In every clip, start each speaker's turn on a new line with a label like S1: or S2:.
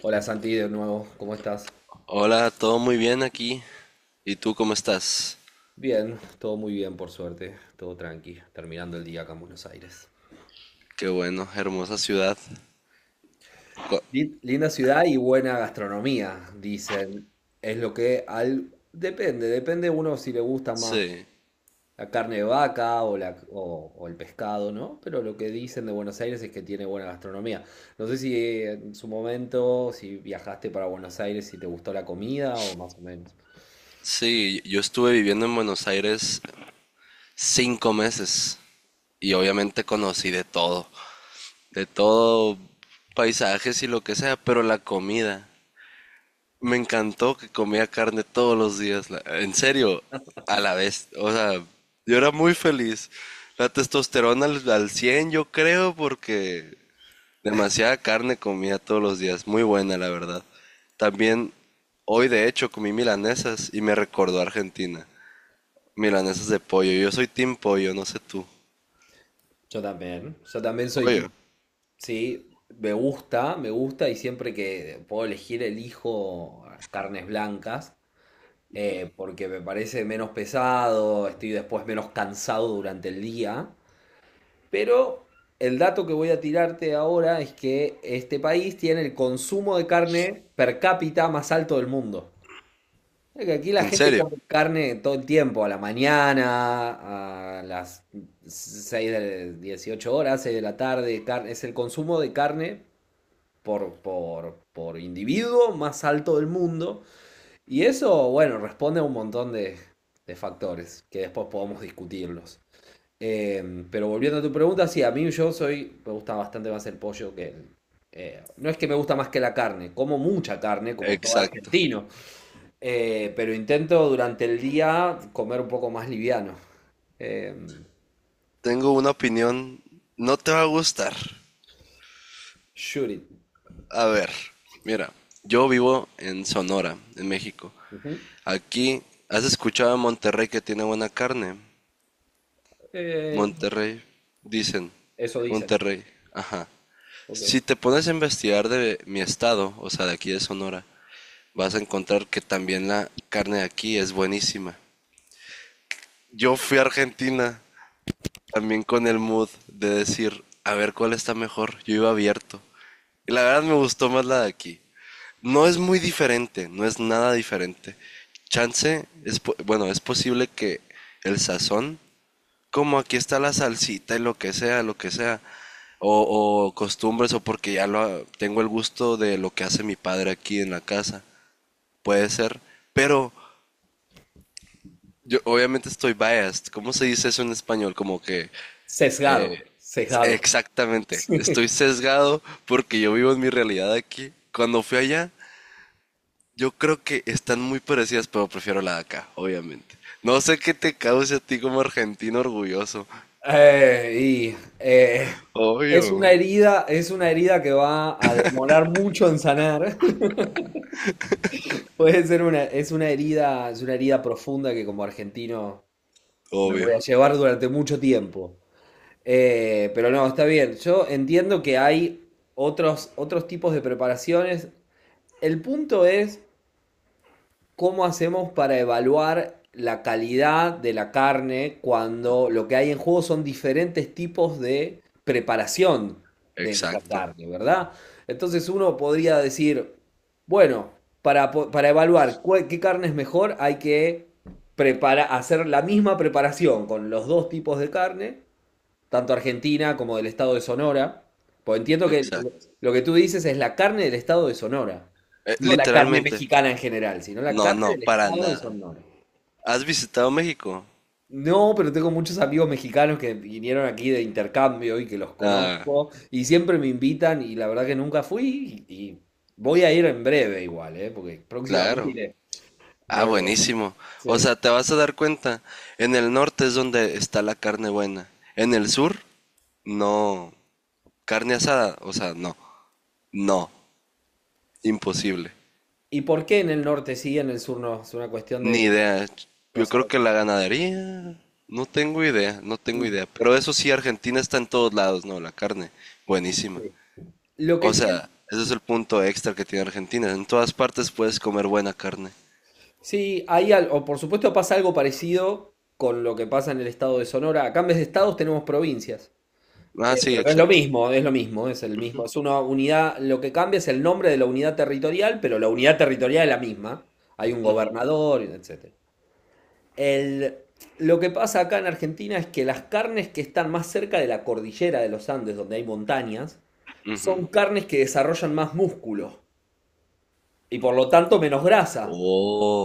S1: Hola Santi, de nuevo, ¿cómo estás?
S2: Hola, todo muy bien aquí. ¿Y tú cómo estás?
S1: Bien, todo muy bien por suerte, todo tranqui, terminando el día acá en Buenos Aires.
S2: Qué bueno, hermosa ciudad. Cu-
S1: Linda ciudad y buena gastronomía, dicen. Es lo que al... Depende, depende uno si le gusta más
S2: Sí,
S1: la carne de vaca o el pescado, ¿no? Pero lo que dicen de Buenos Aires es que tiene buena gastronomía. No sé si en su momento, si viajaste para Buenos Aires, si te gustó la comida o más o menos.
S2: sí, yo estuve viviendo en Buenos Aires cinco meses y obviamente conocí de todo, paisajes y lo que sea, pero la comida. Me encantó que comía carne todos los días, en serio, a la vez. O sea, yo era muy feliz. La testosterona al 100, yo creo, porque demasiada carne comía todos los días, muy buena la verdad. También hoy de hecho comí milanesas y me recordó a Argentina. Milanesas de pollo, yo soy team pollo, no sé tú.
S1: Yo también soy
S2: Pollo,
S1: sí, me gusta y siempre que puedo elegir elijo carnes blancas porque me parece menos pesado, estoy después menos cansado durante el día. Pero el dato que voy a tirarte ahora es que este país tiene el consumo de carne per cápita más alto del mundo. Es que aquí la
S2: ¿en
S1: gente
S2: serio?
S1: come carne todo el tiempo, a la mañana, a las 6 de 18 horas, 6 de la tarde, es el consumo de carne por individuo más alto del mundo. Y eso, bueno, responde a un montón de factores que después podemos discutirlos. Pero volviendo a tu pregunta, sí, a mí me gusta bastante más el pollo No es que me gusta más que la carne, como mucha carne, como todo
S2: Exacto.
S1: argentino, pero intento durante el día comer un poco más liviano. Eh,
S2: Tengo una opinión, no te va a gustar.
S1: shoot it.
S2: A ver, mira, yo vivo en Sonora, en México.
S1: Ujú.
S2: Aquí, ¿has escuchado de Monterrey que tiene buena carne?
S1: Eh,
S2: Monterrey, dicen.
S1: eso dicen.
S2: Monterrey, ajá.
S1: Ok.
S2: Si te pones a investigar de mi estado, o sea, de aquí de Sonora, vas a encontrar que también la carne de aquí es buenísima. Yo fui a Argentina también con el mood de decir, a ver cuál está mejor. Yo iba abierto. Y la verdad me gustó más la de aquí. No es muy diferente, no es nada diferente. Chance, es, bueno, es posible que el sazón como aquí está la salsita y lo que sea, lo que sea. O costumbres o porque ya lo, tengo el gusto de lo que hace mi padre aquí en la casa. Puede ser. Pero yo obviamente estoy biased. ¿Cómo se dice eso en español? Como que...
S1: Sesgado,
S2: eh,
S1: sesgado.
S2: exactamente. Estoy sesgado porque yo vivo en mi realidad aquí. Cuando fui allá, yo creo que están muy parecidas, pero prefiero la de acá, obviamente. No sé qué te cause a ti como argentino orgulloso.
S1: Eh, y, eh, es una
S2: Obvio,
S1: herida, es una herida que va a demorar mucho en sanar. Es una herida profunda que como argentino me voy
S2: obvio.
S1: a llevar durante mucho tiempo. Pero no, está bien. Yo entiendo que hay otros tipos de preparaciones. El punto es ¿cómo hacemos para evaluar la calidad de la carne cuando lo que hay en juego son diferentes tipos de preparación de esa
S2: Exacto,
S1: carne, ¿verdad? Entonces uno podría decir, bueno, para, para evaluar qué carne es mejor, hay que hacer la misma preparación con los dos tipos de carne tanto argentina como del estado de Sonora. Pues entiendo que
S2: exacto.
S1: lo que tú dices es la carne del estado de Sonora, no la carne
S2: Literalmente,
S1: mexicana en general, sino la
S2: no,
S1: carne
S2: no,
S1: del
S2: para
S1: estado de
S2: nada.
S1: Sonora.
S2: ¿Has visitado México?
S1: No, pero tengo muchos amigos mexicanos que vinieron aquí de intercambio y que los
S2: Ah,
S1: conozco y siempre me invitan y la verdad que nunca fui y voy a ir en breve igual, ¿eh? Porque próximamente
S2: claro.
S1: iré.
S2: Ah,
S1: Eh,
S2: buenísimo.
S1: sí.
S2: O sea, te vas a dar cuenta, en el norte es donde está la carne buena. En el sur, no. Carne asada, o sea, no. No, imposible.
S1: ¿Y por qué en el norte sí, en el sur no? Es una cuestión de...
S2: Ni idea.
S1: No
S2: Yo creo
S1: sabes.
S2: que la ganadería, no tengo idea, no tengo
S1: Sí.
S2: idea. Pero eso sí, Argentina está en todos lados, ¿no? La carne, buenísima.
S1: Sí. Lo que
S2: O
S1: tiene...
S2: sea, ese es el punto extra que tiene Argentina. En todas partes puedes comer buena carne.
S1: Sí, ahí o por supuesto pasa algo parecido con lo que pasa en el estado de Sonora. Acá en vez de estados tenemos provincias.
S2: Ah,
S1: Eh,
S2: sí,
S1: pero no es lo
S2: exacto.
S1: mismo, es lo mismo, es el mismo. Es una unidad, lo que cambia es el nombre de la unidad territorial, pero la unidad territorial es la misma. Hay un gobernador, etcétera. El- lo que pasa acá en Argentina es que las carnes que están más cerca de la cordillera de los Andes, donde hay montañas, son
S2: Ujú.
S1: carnes que desarrollan más músculo y por lo tanto menos grasa.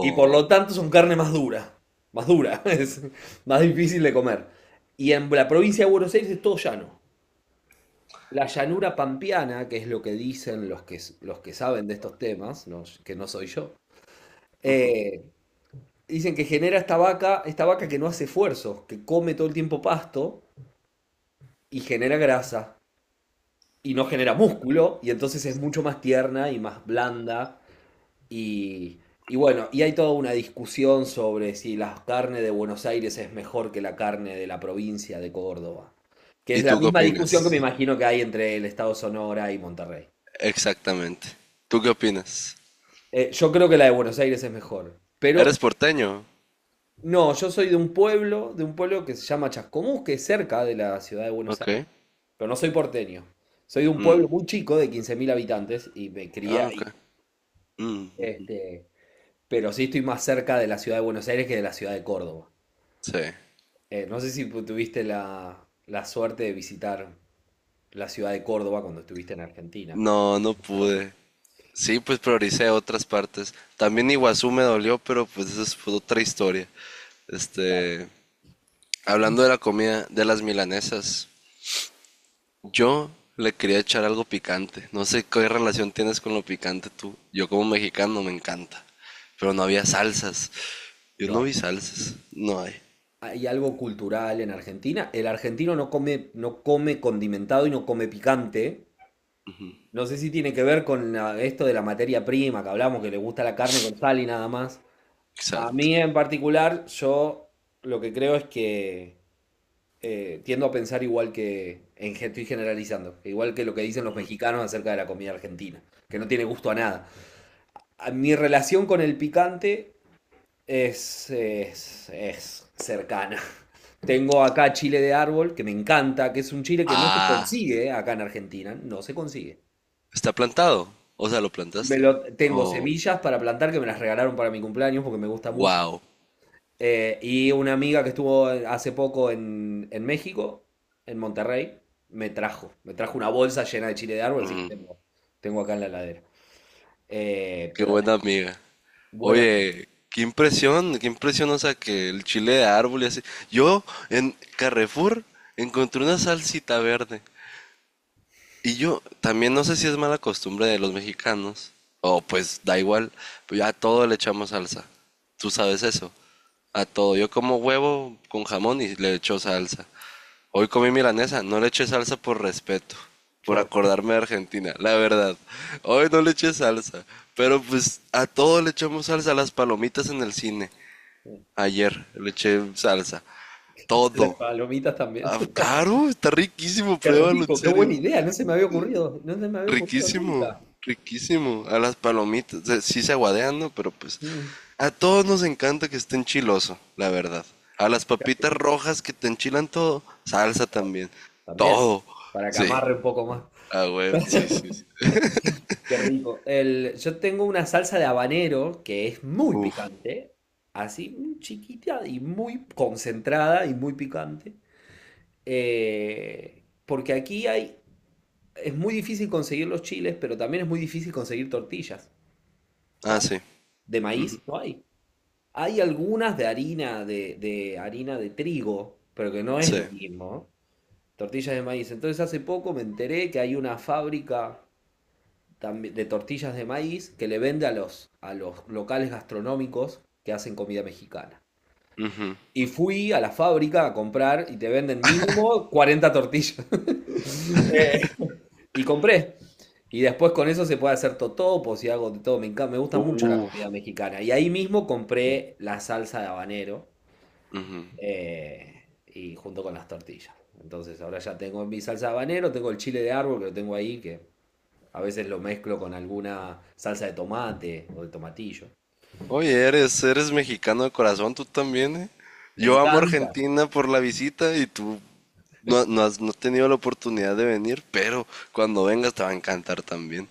S1: Y por lo tanto son carne más dura, es más difícil de comer. Y en la provincia de Buenos Aires es todo llano. La llanura pampeana, que es lo que dicen los que saben de estos temas, que no soy yo, eh, dicen que genera esta vaca que no hace esfuerzos, que come todo el tiempo pasto y genera grasa y no genera músculo y entonces es mucho más tierna y más blanda. Y, y bueno, y hay toda una discusión sobre si la carne de Buenos Aires es mejor que la carne de la provincia de Córdoba, que
S2: ¿Y
S1: es la
S2: tú qué
S1: misma discusión que me
S2: opinas?
S1: imagino que hay entre el estado Sonora y Monterrey.
S2: Exactamente. ¿Tú qué opinas?
S1: Yo creo que la de Buenos Aires es mejor, pero
S2: ¿Eres porteño?
S1: no, yo soy de un pueblo que se llama Chascomús, que es cerca de la ciudad de Buenos
S2: Ok.
S1: Aires, pero no soy porteño. Soy de un
S2: Mm.
S1: pueblo muy chico de 15.000 habitantes y me crié
S2: Ah, ok.
S1: ahí.
S2: Mm,
S1: Este, pero sí estoy más cerca de la ciudad de Buenos Aires que de la ciudad de Córdoba.
S2: sí.
S1: No sé si tuviste la suerte de visitar la ciudad de Córdoba cuando estuviste en Argentina.
S2: No, no pude. Sí, pues prioricé otras partes. También Iguazú me dolió, pero pues eso es otra historia.
S1: Claro.
S2: Este, hablando de la comida, de las milanesas. Yo le quería echar algo picante. No sé qué relación tienes con lo picante tú. Yo como mexicano me encanta. Pero no había salsas. Yo
S1: No
S2: no
S1: hay.
S2: vi salsas. No hay.
S1: Hay algo cultural en Argentina. El argentino no come, no come condimentado y no come picante. No sé si tiene que ver con esto de la materia prima que hablamos, que le gusta la carne con sal y nada más. A
S2: Exacto.
S1: mí en particular, yo lo que creo es que tiendo a pensar igual que, estoy generalizando, igual que lo que dicen los mexicanos acerca de la comida argentina, que no tiene gusto a nada. Mi relación con el picante es cercana. Tengo acá chile de árbol, que me encanta, que es un chile que no se
S2: Ah,
S1: consigue acá en Argentina, no se consigue.
S2: está plantado. O sea, lo
S1: Me
S2: plantaste.
S1: lo, tengo
S2: Oh,
S1: semillas para plantar que me las regalaron para mi cumpleaños porque me gusta mucho.
S2: wow.
S1: Y una amiga que estuvo hace poco en, México, en Monterrey, me trajo una bolsa llena de chile de árbol, así que
S2: Mm,
S1: tengo acá en la heladera. Eh,
S2: qué
S1: pero
S2: buena amiga.
S1: bueno,
S2: Oye, qué impresión, o sea, que el chile de árbol y así. Yo en Carrefour encontré una salsita verde. Y yo también no sé si es mala costumbre de los mexicanos, o pues da igual, pero ya a todo le echamos salsa. Tú sabes eso. A todo. Yo como huevo con jamón y le echo salsa. Hoy comí milanesa, no le eché salsa por respeto, por
S1: por
S2: acordarme de Argentina, la verdad. Hoy no le eché salsa, pero pues a todo le echamos salsa, las palomitas en el cine. Ayer le eché salsa.
S1: las
S2: Todo.
S1: palomitas también.
S2: Ah, claro, está riquísimo,
S1: Qué
S2: pruébalo, en
S1: rico, qué
S2: serio.
S1: buena idea, no se me había ocurrido, no se me había ocurrido
S2: Riquísimo,
S1: nunca.
S2: riquísimo. A las palomitas, sí se aguadean, ¿no? Pero pues
S1: Mm,
S2: a todos nos encanta que estén chiloso, la verdad. A las
S1: qué
S2: papitas
S1: rico.
S2: rojas que te enchilan todo, salsa también.
S1: También,
S2: Todo.
S1: para que
S2: Sí.
S1: amarre un poco más.
S2: Ah, güey, sí, sí. Sí.
S1: Qué rico. El, yo tengo una salsa de habanero que es muy
S2: Uf.
S1: picante, así muy chiquita y muy concentrada y muy picante. Porque aquí es muy difícil conseguir los chiles, pero también es muy difícil conseguir tortillas. No
S2: Ah,
S1: hay.
S2: sí.
S1: De maíz no hay. Hay algunas de harina de harina de trigo, pero que no es
S2: Sí.
S1: lo mismo. Tortillas de maíz. Entonces hace poco me enteré que hay una fábrica de tortillas de maíz que le vende a los locales gastronómicos que hacen comida mexicana. Y fui a la fábrica a comprar y te venden mínimo 40 tortillas. Eh, y compré. Y después con eso se puede hacer totopos y hago de todo. Me encanta, me gusta mucho la
S2: Uf.
S1: comida mexicana. Y ahí mismo compré la salsa de habanero y junto con las tortillas. Entonces ahora ya tengo mi salsa de habanero, tengo el chile de árbol que lo tengo ahí, que a veces lo mezclo con alguna salsa de tomate o de tomatillo.
S2: Oye, eres mexicano de corazón, tú también, ¿eh?
S1: Me
S2: Yo amo
S1: encanta.
S2: Argentina por la visita y tú no, no has tenido la oportunidad de venir, pero cuando vengas te va a encantar también.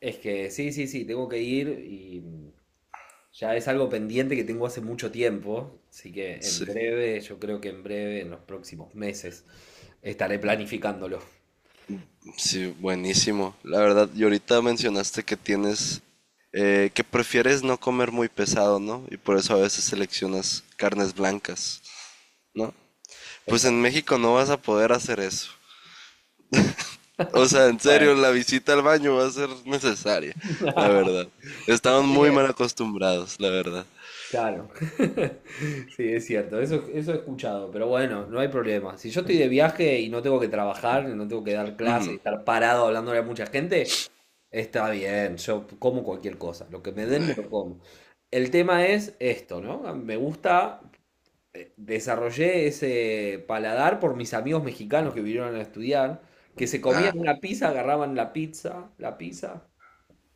S1: Es que sí, sí, sí, tengo que ir y ya es algo pendiente que tengo hace mucho tiempo, así que
S2: Sí.
S1: en breve, yo creo que en breve, en los próximos meses, estaré planificándolo.
S2: Sí, buenísimo. La verdad, y ahorita mencionaste que tienes, que prefieres no comer muy pesado, ¿no? Y por eso a veces seleccionas carnes blancas, ¿no? Pues
S1: Exacto.
S2: en México no vas a poder hacer eso. O sea, en serio,
S1: Bueno,
S2: la visita al baño va a ser necesaria, la verdad.
S1: está
S2: Estamos muy
S1: bien.
S2: mal acostumbrados, la verdad.
S1: Claro. Sí, es cierto, eso he escuchado, pero bueno, no hay problema. Si yo estoy de viaje y no tengo que trabajar, no tengo que dar clase y
S2: Ujú.
S1: estar parado hablándole a mucha gente, está bien, yo como cualquier cosa, lo que me den me
S2: Eh,
S1: lo como. El tema es esto, ¿no? Me gusta, desarrollé ese paladar por mis amigos mexicanos que vinieron a estudiar, que se
S2: ah,
S1: comían una pizza, agarraban la pizza,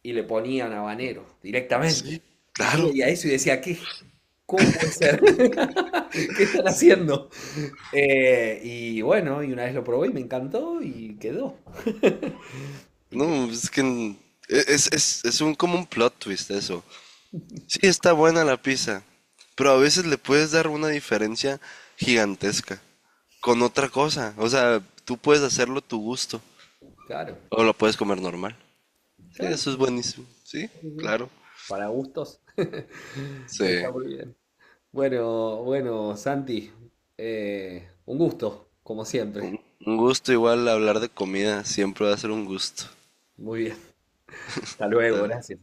S1: y le ponían habanero directamente.
S2: sí,
S1: Y yo
S2: claro.
S1: veía eso y decía, ¿qué? ¿Cómo puede ser? ¿Qué están haciendo? Y bueno, y una vez lo probé y me encantó y quedó. Y quedó,
S2: No, es que es, un como un plot twist eso. Sí, está buena la pizza, pero a veces le puedes dar una diferencia gigantesca con otra cosa. O sea, tú puedes hacerlo a tu gusto
S1: claro.
S2: o lo puedes comer normal. Sí,
S1: Claro.
S2: eso es buenísimo. Sí,
S1: Sí, sí.
S2: claro.
S1: Para gustos.
S2: Sí.
S1: Está muy bien. Bueno, bueno, Santi, un gusto, como siempre.
S2: Un gusto igual hablar de comida, siempre va a ser un gusto.
S1: Muy bien. Hasta luego,
S2: Dale.
S1: gracias.